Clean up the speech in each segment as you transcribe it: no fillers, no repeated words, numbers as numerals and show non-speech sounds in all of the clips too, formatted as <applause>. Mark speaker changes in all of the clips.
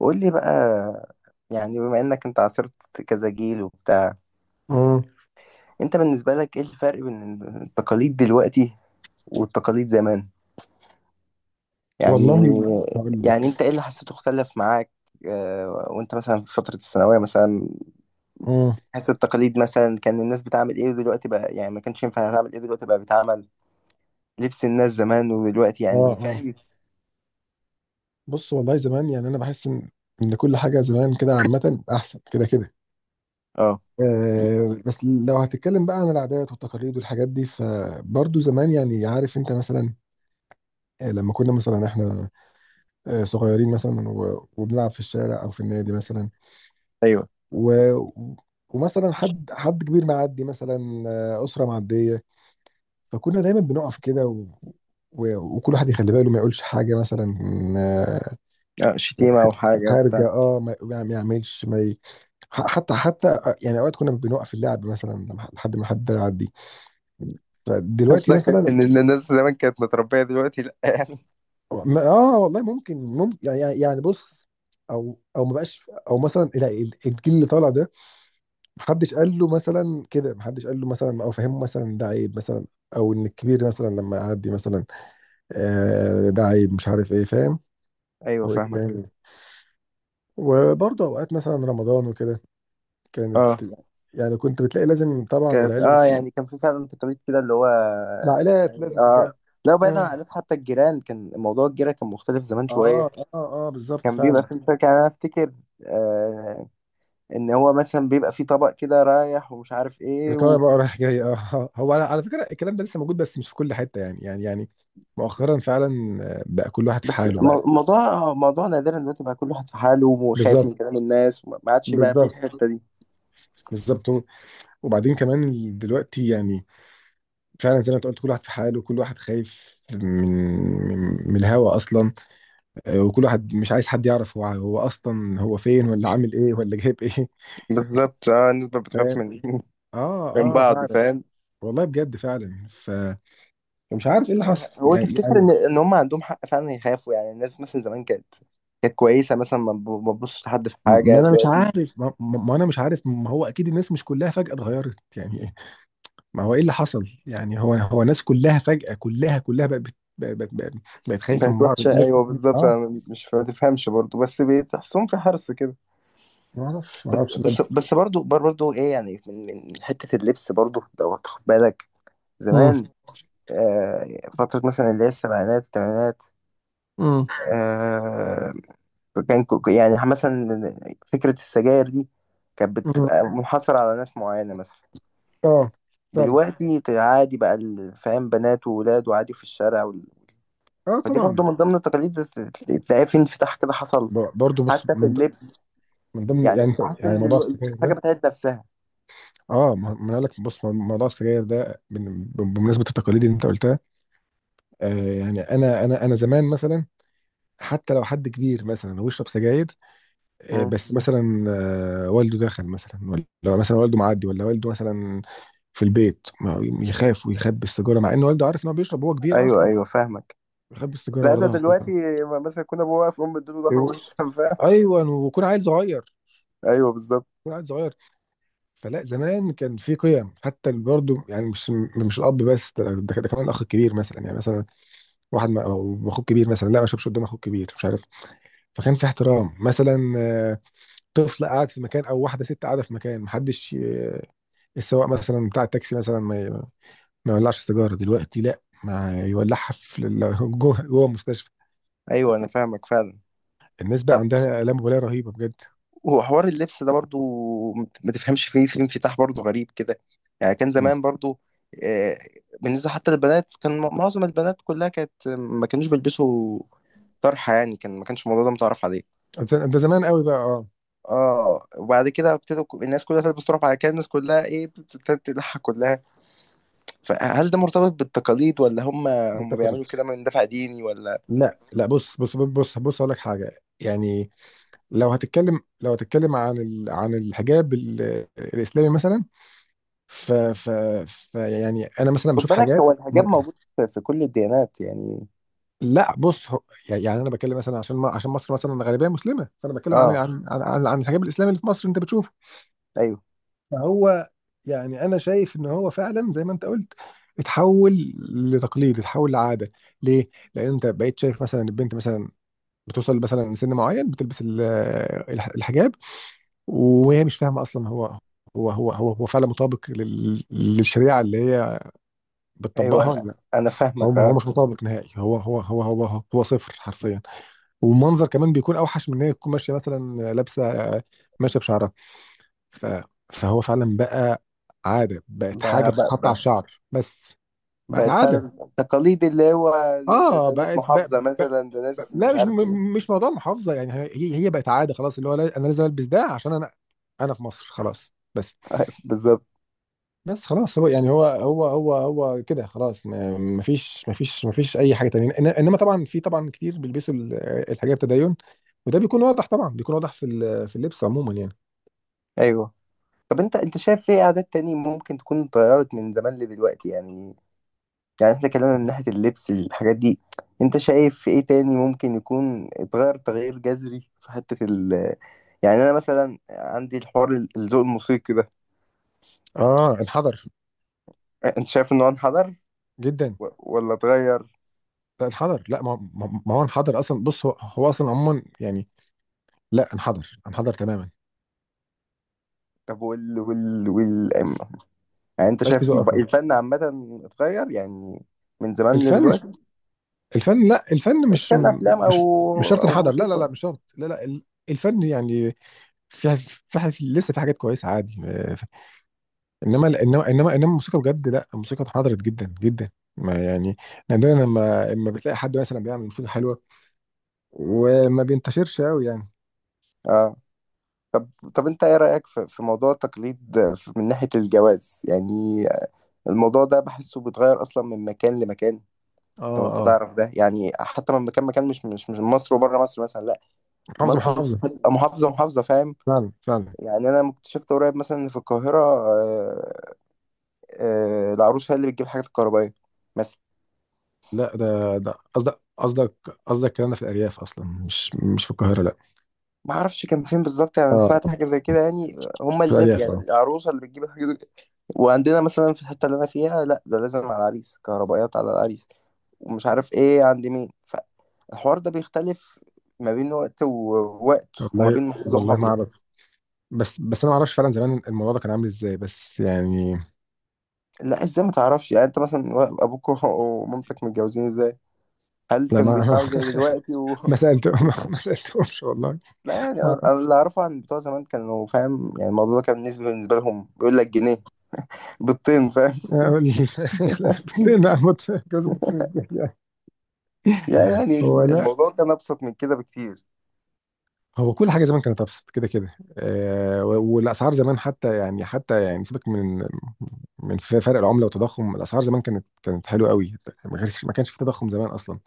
Speaker 1: قول لي بقى. بما انك انت عاصرت كذا جيل وبتاع.
Speaker 2: امم
Speaker 1: انت بالنسبة لك ايه الفرق بين التقاليد دلوقتي والتقاليد زمان؟ يعني
Speaker 2: والله، هقول
Speaker 1: يعني
Speaker 2: لك.
Speaker 1: انت ايه اللي حسيته اختلف معاك؟ وانت مثلا في فترة الثانوية مثلا،
Speaker 2: امم
Speaker 1: حس التقاليد مثلا كان الناس بتعمل ايه ودلوقتي بقى؟ يعني ما كانش ينفع تعمل ايه دلوقتي بقى بيتعمل؟ لبس الناس زمان ودلوقتي،
Speaker 2: اه،
Speaker 1: يعني
Speaker 2: اه.
Speaker 1: فاهم.
Speaker 2: بص، والله زمان، يعني انا بحس ان كل حاجه زمان كده عامه احسن كده كده.
Speaker 1: اه،
Speaker 2: آه، بس لو هتتكلم بقى عن العادات والتقاليد والحاجات دي فبرضه زمان، يعني عارف انت مثلا، آه لما كنا مثلا احنا آه صغيرين مثلا وبنلعب في الشارع او في النادي مثلا،
Speaker 1: ايوه،
Speaker 2: و ومثلا حد كبير معدي مثلا، آه اسره معديه، فكنا دايما بنقف كده وكل واحد يخلي باله ما يقولش حاجه مثلا، آه
Speaker 1: شتيمة او حاجة
Speaker 2: خارجه،
Speaker 1: بتاع.
Speaker 2: ما يعملش ما ي... حتى آه، يعني اوقات كنا بنوقف اللعب مثلا لحد ما حد يعدي. فدلوقتي
Speaker 1: قصدك <laughs>
Speaker 2: مثلا،
Speaker 1: ان الناس زمان كانت متربية دلوقتي لا، يعني
Speaker 2: اه والله، ممكن، يعني بص او ما بقاش، او مثلا لا، الجيل اللي طالع ده محدش قال له مثلا كده، محدش قال له مثلا او فهمه مثلا ده عيب مثلا، او ان الكبير مثلا لما يعدي مثلا آه ده عيب، مش عارف ايه، فاهم.
Speaker 1: ايوه
Speaker 2: هو إيه
Speaker 1: فاهمك.
Speaker 2: ده؟ وبرضه اوقات مثلا رمضان وكده كانت،
Speaker 1: اه
Speaker 2: يعني كنت بتلاقي لازم طبعا
Speaker 1: كانت،
Speaker 2: العيله،
Speaker 1: اه يعني كان في فعلا تقاليد كده اللي هو،
Speaker 2: العائلات
Speaker 1: يعني
Speaker 2: لازم تتجمع.
Speaker 1: اه. لو بعيدا عن
Speaker 2: مم.
Speaker 1: العادات، حتى الجيران كان موضوع الجيرة كان مختلف زمان
Speaker 2: اه،
Speaker 1: شوية.
Speaker 2: اه، اه، بالظبط
Speaker 1: كان بيبقى
Speaker 2: فعلا.
Speaker 1: في مشاكل، يعني انا افتكر آه ان هو مثلا بيبقى في طبق كده رايح ومش عارف ايه
Speaker 2: ايطاليا
Speaker 1: و...
Speaker 2: بقى رايح جاي، اه. آه، هو على فكره الكلام ده لسه موجود، بس مش في كل حته، يعني مؤخرا فعلا. آه، بقى كل واحد في
Speaker 1: بس
Speaker 2: حاله بقى.
Speaker 1: موضوع نادرا دلوقتي بقى كل واحد في حاله وخايف
Speaker 2: بالظبط،
Speaker 1: من كلام الناس وما ما عادش بقى في
Speaker 2: بالظبط،
Speaker 1: الحتة دي.
Speaker 2: بالظبط. وبعدين كمان دلوقتي يعني فعلا زي ما انت قلت، كل واحد في حاله، وكل واحد خايف من من، من الهوا اصلا. آه، وكل واحد مش عايز حد يعرف هو اصلا هو فين، ولا عامل ايه، ولا جايب ايه،
Speaker 1: بالظبط، اه الناس بقت بتخاف
Speaker 2: فاهم.
Speaker 1: من
Speaker 2: اه،
Speaker 1: <laughs> من
Speaker 2: اه
Speaker 1: بعض،
Speaker 2: فعلا.
Speaker 1: فاهم.
Speaker 2: والله بجد فعلا. ف مش عارف ايه اللي حصل،
Speaker 1: هو
Speaker 2: يعني
Speaker 1: تفتكر
Speaker 2: يعني
Speaker 1: ان هم عندهم حق فعلا يخافوا؟ يعني الناس مثلا زمان كانت، كويسه مثلا، ما تبصش لحد في
Speaker 2: ما
Speaker 1: حاجه.
Speaker 2: انا مش
Speaker 1: دلوقتي
Speaker 2: عارف، ما, ما ما انا مش عارف، ما هو اكيد الناس مش كلها فجأة اتغيرت، يعني إيه؟ ما هو ايه اللي حصل، يعني هو الناس كلها فجأة، كلها بقت بقت خايفة
Speaker 1: بقت
Speaker 2: من بعض.
Speaker 1: وحشه، ايوه بالظبط.
Speaker 2: اه،
Speaker 1: انا مش ما تفهمش برضه، بس بتحسهم في حرص كده.
Speaker 2: ما اعرفش، ما
Speaker 1: بس
Speaker 2: اعرفش ده.
Speaker 1: بس بس برضه برضه ايه يعني، من حته اللبس برضه لو هتاخد بالك
Speaker 2: امم
Speaker 1: زمان. آه فتره مثلا اللي هي السبعينات الثمانينات،
Speaker 2: امم
Speaker 1: آه كان يعني مثلا فكره السجاير دي كانت
Speaker 2: أمم.
Speaker 1: بتبقى منحصره على ناس معينه مثلا.
Speaker 2: اه فعلا.
Speaker 1: دلوقتي عادي بقى فاهم، بنات وولاد وعادي في الشارع.
Speaker 2: اه
Speaker 1: فدي
Speaker 2: طبعا.
Speaker 1: برضه من ضمن التقاليد، تلاقيها في انفتاح كده حصل
Speaker 2: برضو بص،
Speaker 1: حتى في
Speaker 2: من
Speaker 1: اللبس.
Speaker 2: من ضمن
Speaker 1: يعني
Speaker 2: يعني،
Speaker 1: بحس
Speaker 2: يعني
Speaker 1: ان
Speaker 2: موضوع السجاير ده،
Speaker 1: الحاجه بتعيد نفسها.
Speaker 2: اه ما ما انا قال لك، بص، موضوع السجاير ده بمناسبة التقاليد اللي انت قلتها، آه يعني انا زمان مثلا حتى لو حد كبير مثلا ويشرب سجاير، آه
Speaker 1: مم.
Speaker 2: بس مثلا آه والده داخل مثلا، ولا مثلا والده معدي، ولا والده مثلا في البيت، ما هو يخاف ويخبي السيجاره مع ان والده عارف ان هو بيشرب، هو كبير
Speaker 1: ايوه
Speaker 2: اصلا.
Speaker 1: ايوه فاهمك.
Speaker 2: يخبي السيجاره
Speaker 1: لا
Speaker 2: ورا
Speaker 1: ده
Speaker 2: ظهره
Speaker 1: دلوقتي،
Speaker 2: كلها.
Speaker 1: مثلا كنا ابوه واقف امه اديله ظهر
Speaker 2: و-
Speaker 1: وش <laughs> فاهم؟
Speaker 2: ايوه، ويكون عيل صغير،
Speaker 1: ايوه بالظبط.
Speaker 2: يكون عيل صغير. فلا زمان كان في قيم حتى برضه، يعني مش الاب بس، ده ده كمان الاخ الكبير مثلا، يعني مثلا واحد ما أو اخوك كبير مثلا، لا ما اشربش قدام اخوك كبير، مش عارف. فكان في احترام مثلا، آه طفل قاعد في مكان، او واحده ست قاعده في مكان، محدش السواق مثلا بتاع التاكسي مثلا ما يولعش سيجاره، دلوقتي لا ما يولعها في جوه المستشفى.
Speaker 1: ايوه انا فاهمك فعلا.
Speaker 2: الناس بقى
Speaker 1: طب
Speaker 2: عندها آلام مبالاه رهيبه بجد.
Speaker 1: هو حوار اللبس ده برضه ما تفهمش فيه في انفتاح برضه غريب كده. يعني كان
Speaker 2: مم.
Speaker 1: زمان برضه آه، بالنسبه حتى للبنات كان معظم البنات كلها كانت ما كانوش بيلبسوا طرحه. يعني كان ما كانش الموضوع ده متعرف عليه.
Speaker 2: ده، ده زمان قوي بقى، اه.
Speaker 1: اه وبعد كده ابتدوا الناس كلها تلبس، تروح بعد كده الناس كلها ايه بتبتدي تضحك كلها. فهل ده مرتبط بالتقاليد ولا هم
Speaker 2: بالتقاليد،
Speaker 1: بيعملوا كده من دافع ديني ولا؟
Speaker 2: لا، لا، بص اقول لك حاجه، يعني لو هتتكلم، لو هتتكلم عن عن الحجاب الاسلامي مثلا، ف... ف... ف يعني انا مثلا
Speaker 1: خد
Speaker 2: بشوف
Speaker 1: بالك،
Speaker 2: حاجات.
Speaker 1: هو الحجاب موجود في في كل الديانات، يعني
Speaker 2: لا بص هو، يعني انا بتكلم مثلا عشان ما عشان مصر مثلا غالبيه مسلمه، فانا بتكلم عن
Speaker 1: اه.
Speaker 2: عن عن, عن عن الحجاب الاسلامي اللي في مصر انت بتشوفه.
Speaker 1: ايوه
Speaker 2: فهو يعني انا شايف ان هو فعلا زي ما انت قلت اتحول لتقليد، اتحول لعاده. ليه؟ لان انت بقيت شايف مثلا البنت مثلا بتوصل مثلا سن معين بتلبس الحجاب، وهي مش فاهمه اصلا هو هو فعلا مطابق للشريعه اللي هي
Speaker 1: ايوه،
Speaker 2: بتطبقها ولا
Speaker 1: انا
Speaker 2: لا.
Speaker 1: انا
Speaker 2: هو
Speaker 1: فاهمك
Speaker 2: هو
Speaker 1: اه.
Speaker 2: مش مطابق نهائي، هو هو صفر حرفيا. والمنظر كمان بيكون اوحش من ان هي تكون ماشيه مثلا لابسه، ماشيه بشعرها. ف... فهو فعلا بقى عاده، بقت حاجه
Speaker 1: ب- ب-
Speaker 2: بتتحط على
Speaker 1: ب-
Speaker 2: الشعر بس. بقت
Speaker 1: بقت فعلا
Speaker 2: عاده.
Speaker 1: التقاليد اللي هو ده،
Speaker 2: اه،
Speaker 1: ده ناس محافظة
Speaker 2: بقى...
Speaker 1: مثلا، ده ناس
Speaker 2: لا
Speaker 1: مش
Speaker 2: مش
Speaker 1: عارف ايه.
Speaker 2: مش موضوع محافظه، يعني هي بقت عاده خلاص، اللي هو لا، انا لازم البس ده عشان انا، انا في مصر، خلاص بس.
Speaker 1: <laughs> بالظبط.
Speaker 2: بس خلاص، هو يعني هو هو هو هو كده خلاص. ما فيش اي حاجه تانية. انما طبعا في، طبعا كتير بيلبسوا الحاجات التدين، وده بيكون واضح طبعا، بيكون واضح في في اللبس عموما يعني.
Speaker 1: ايوه. طب انت، شايف ايه عادات تانية ممكن تكون اتغيرت من زمان لدلوقتي؟ يعني يعني احنا اتكلمنا من ناحية اللبس الحاجات دي، انت شايف في ايه تاني ممكن يكون اتغير تغيير جذري في حتة ال... يعني انا مثلا عندي الحوار الذوق الموسيقي ده،
Speaker 2: اه، انحدر
Speaker 1: انت شايف انه انحدر
Speaker 2: جدا.
Speaker 1: ولا اتغير؟
Speaker 2: لا انحدر، لا ما ما ما هو انحدر اصلا، بص هو، هو اصلا عموما يعني، لا انحدر، انحدر تماما.
Speaker 1: طب وال... يعني انت
Speaker 2: مش في
Speaker 1: شايف
Speaker 2: ذوق اصلا.
Speaker 1: الفن عامة اتغير، يعني من زمان
Speaker 2: الفن،
Speaker 1: لدلوقتي؟
Speaker 2: الفن، لا الفن
Speaker 1: بس
Speaker 2: مش،
Speaker 1: كان افلام او
Speaker 2: مش مش شرط
Speaker 1: او
Speaker 2: انحدر، لا لا لا
Speaker 1: موسيقى؟
Speaker 2: مش شرط، لا لا الفن يعني، في في حاجات، لسه في حاجات كويسه عادي. آه، انما الموسيقى بجد، لا الموسيقى انحدرت جدا جدا. ما يعني نادرا لما بتلاقي حد مثلا بيعمل موسيقى حلوه، وما بينتشرش قوي يعني.
Speaker 1: اه. طب انت ايه رأيك في في موضوع التقليد من ناحية الجواز؟ يعني الموضوع ده بحسه بيتغير اصلا من مكان لمكان،
Speaker 2: اه،
Speaker 1: لو انت
Speaker 2: اه.
Speaker 1: تعرف ده. يعني حتى لما كان مكان مش من مصر وبره مصر مثلا، لا
Speaker 2: محافظه،
Speaker 1: مصر
Speaker 2: محافظه.
Speaker 1: بتبقى محافظه محافظه، فاهم.
Speaker 2: فعلا، فعلا.
Speaker 1: يعني انا اكتشفت قريب مثلا ان في القاهره العروسه هي اللي بتجيب الحاجات الكهربائيه مثلا.
Speaker 2: لا ده، ده قصدك، قصدك الكلام ده في الأرياف أصلا، مش في القاهرة لا.
Speaker 1: ما اعرفش كان فين بالظبط، يعني انا سمعت
Speaker 2: اه،
Speaker 1: حاجه زي كده يعني، هم
Speaker 2: في
Speaker 1: اللي
Speaker 2: الأرياف
Speaker 1: يعني
Speaker 2: اه.
Speaker 1: العروسه اللي بتجيب الحاجات دي. وعندنا مثلا في الحته اللي انا فيها، لا ده لازم على العريس كهربائيات، على العريس ومش عارف ايه عند مين. فالحوار ده بيختلف ما بين وقت ووقت وما
Speaker 2: والله،
Speaker 1: بين محافظه
Speaker 2: والله ما
Speaker 1: ومحافظه.
Speaker 2: أعرف، بس أنا ما أعرفش فعلا زمان الموضوع ده كان عامل إزاي، بس يعني.
Speaker 1: لا ازاي ما تعرفش؟ يعني انت مثلا ابوك ومامتك متجوزين ازاي؟ هل
Speaker 2: لا،
Speaker 1: كانوا
Speaker 2: ما
Speaker 1: بيدفعوا زي دلوقتي و...
Speaker 2: <laughs>
Speaker 1: <laughs>
Speaker 2: ما سألته، ما, ما سألتهمش والله.
Speaker 1: لا يعني
Speaker 2: ما
Speaker 1: أنا اللي اعرفه عن بتوع زمان كانوا فاهم، يعني الموضوع ده كان بالنسبه لهم بيقول لك جنيه بالطين، فاهم.
Speaker 2: <laughs> بطين،
Speaker 1: <laughs>
Speaker 2: أموت في جوز البطين، إزاي يعني؟
Speaker 1: يعني
Speaker 2: هو لا،
Speaker 1: الموضوع كان ابسط من كده بكتير.
Speaker 2: هو كل حاجه زمان كانت ابسط كده كده. آه، والاسعار زمان، حتى يعني، حتى يعني سيبك من من فرق العمله والتضخم، الاسعار زمان كانت، كانت حلوه قوي. ما كانش، ما كانش في تضخم زمان اصلا،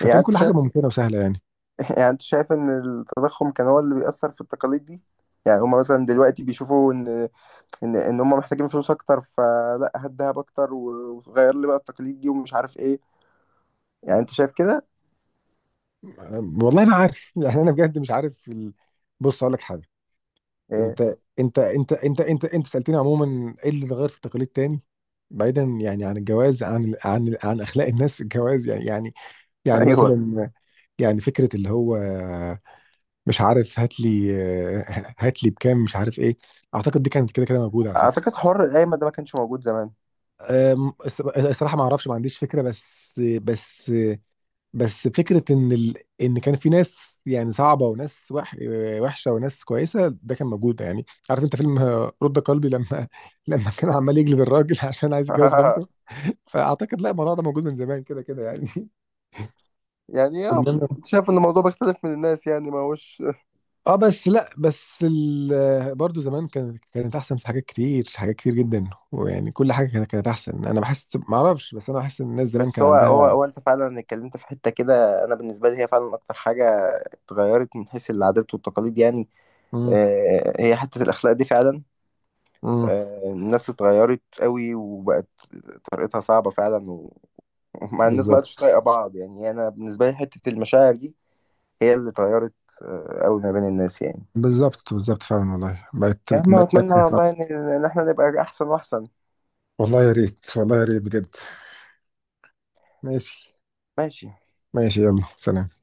Speaker 1: يعني
Speaker 2: فكان كل
Speaker 1: انت
Speaker 2: حاجه
Speaker 1: شايف،
Speaker 2: ممكنه وسهله يعني.
Speaker 1: <laughs> يعني انت شايف ان التضخم كان هو اللي بيأثر في التقاليد دي؟ يعني هما مثلا دلوقتي بيشوفوا ان ان هما محتاجين فلوس اكتر، فلا هات دهب اكتر وغير لي بقى التقاليد دي ومش عارف ايه. يعني انت شايف كده؟
Speaker 2: والله انا عارف <laughs> يعني انا بجد مش عارف ال... بص اقول لك حاجه.
Speaker 1: إيه.
Speaker 2: انت سالتني عموما ايه اللي اتغير في التقاليد تاني، بعيدا يعني عن الجواز، عن عن عن اخلاق الناس في الجواز، يعني
Speaker 1: <laughs>
Speaker 2: يعني
Speaker 1: ايوه،
Speaker 2: مثلا، يعني فكره اللي هو مش عارف، هات لي، هات لي بكام، مش عارف ايه. اعتقد دي كانت كده كده موجوده على فكره.
Speaker 1: اعتقد حوار القايمه ده ما كانش موجود زمان.
Speaker 2: أم، الصراحه ما اعرفش، ما عنديش فكره. بس فكرة إن ال... إن كان في ناس يعني صعبة، وناس وحشة، وناس كويسة، ده كان موجود، يعني عارف أنت فيلم آه رد قلبي؟ لما <laughs> لما كان عمال يجلد الراجل <laughs> عشان عايز يتجوز بنته.
Speaker 1: <laughs>
Speaker 2: فأعتقد لا، الموضوع ده موجود من زمان كده كده يعني. <laughs>
Speaker 1: يعني اه،
Speaker 2: إنما-
Speaker 1: شايف ان الموضوع بيختلف من الناس، يعني ما هوش.
Speaker 2: اه بس لا، بس ال... برضه زمان كانت، كانت أحسن في حاجات كتير، حاجات كتير جدا، ويعني كل حاجة كانت، كانت أحسن، أنا بحس، معرفش، بس أنا بحس إن الناس زمان
Speaker 1: بس
Speaker 2: كان
Speaker 1: هو هو
Speaker 2: عندها.
Speaker 1: هو انت فعلا اتكلمت في حته كده انا بالنسبه لي هي فعلا اكتر حاجه اتغيرت من حيث العادات والتقاليد، يعني
Speaker 2: امم،
Speaker 1: آه، هي حته الاخلاق دي فعلا.
Speaker 2: امم.
Speaker 1: الناس اتغيرت قوي وبقت طريقتها صعبه فعلا <laughs> ومع الناس ما بقتش
Speaker 2: بالظبط،
Speaker 1: طايقه بعض. يعني انا بالنسبه لي حته المشاعر دي هي اللي اتغيرت قوي ما بين الناس يعني.
Speaker 2: بالظبط، بالظبط فعلا، والله بقت،
Speaker 1: يا عم
Speaker 2: بقت،
Speaker 1: اتمنى
Speaker 2: بقت.
Speaker 1: والله ان احنا نبقى احسن واحسن.
Speaker 2: والله يا ريت، والله يا ريت بجد. ماشي.
Speaker 1: ماشي.
Speaker 2: ماشي. يلا سلام.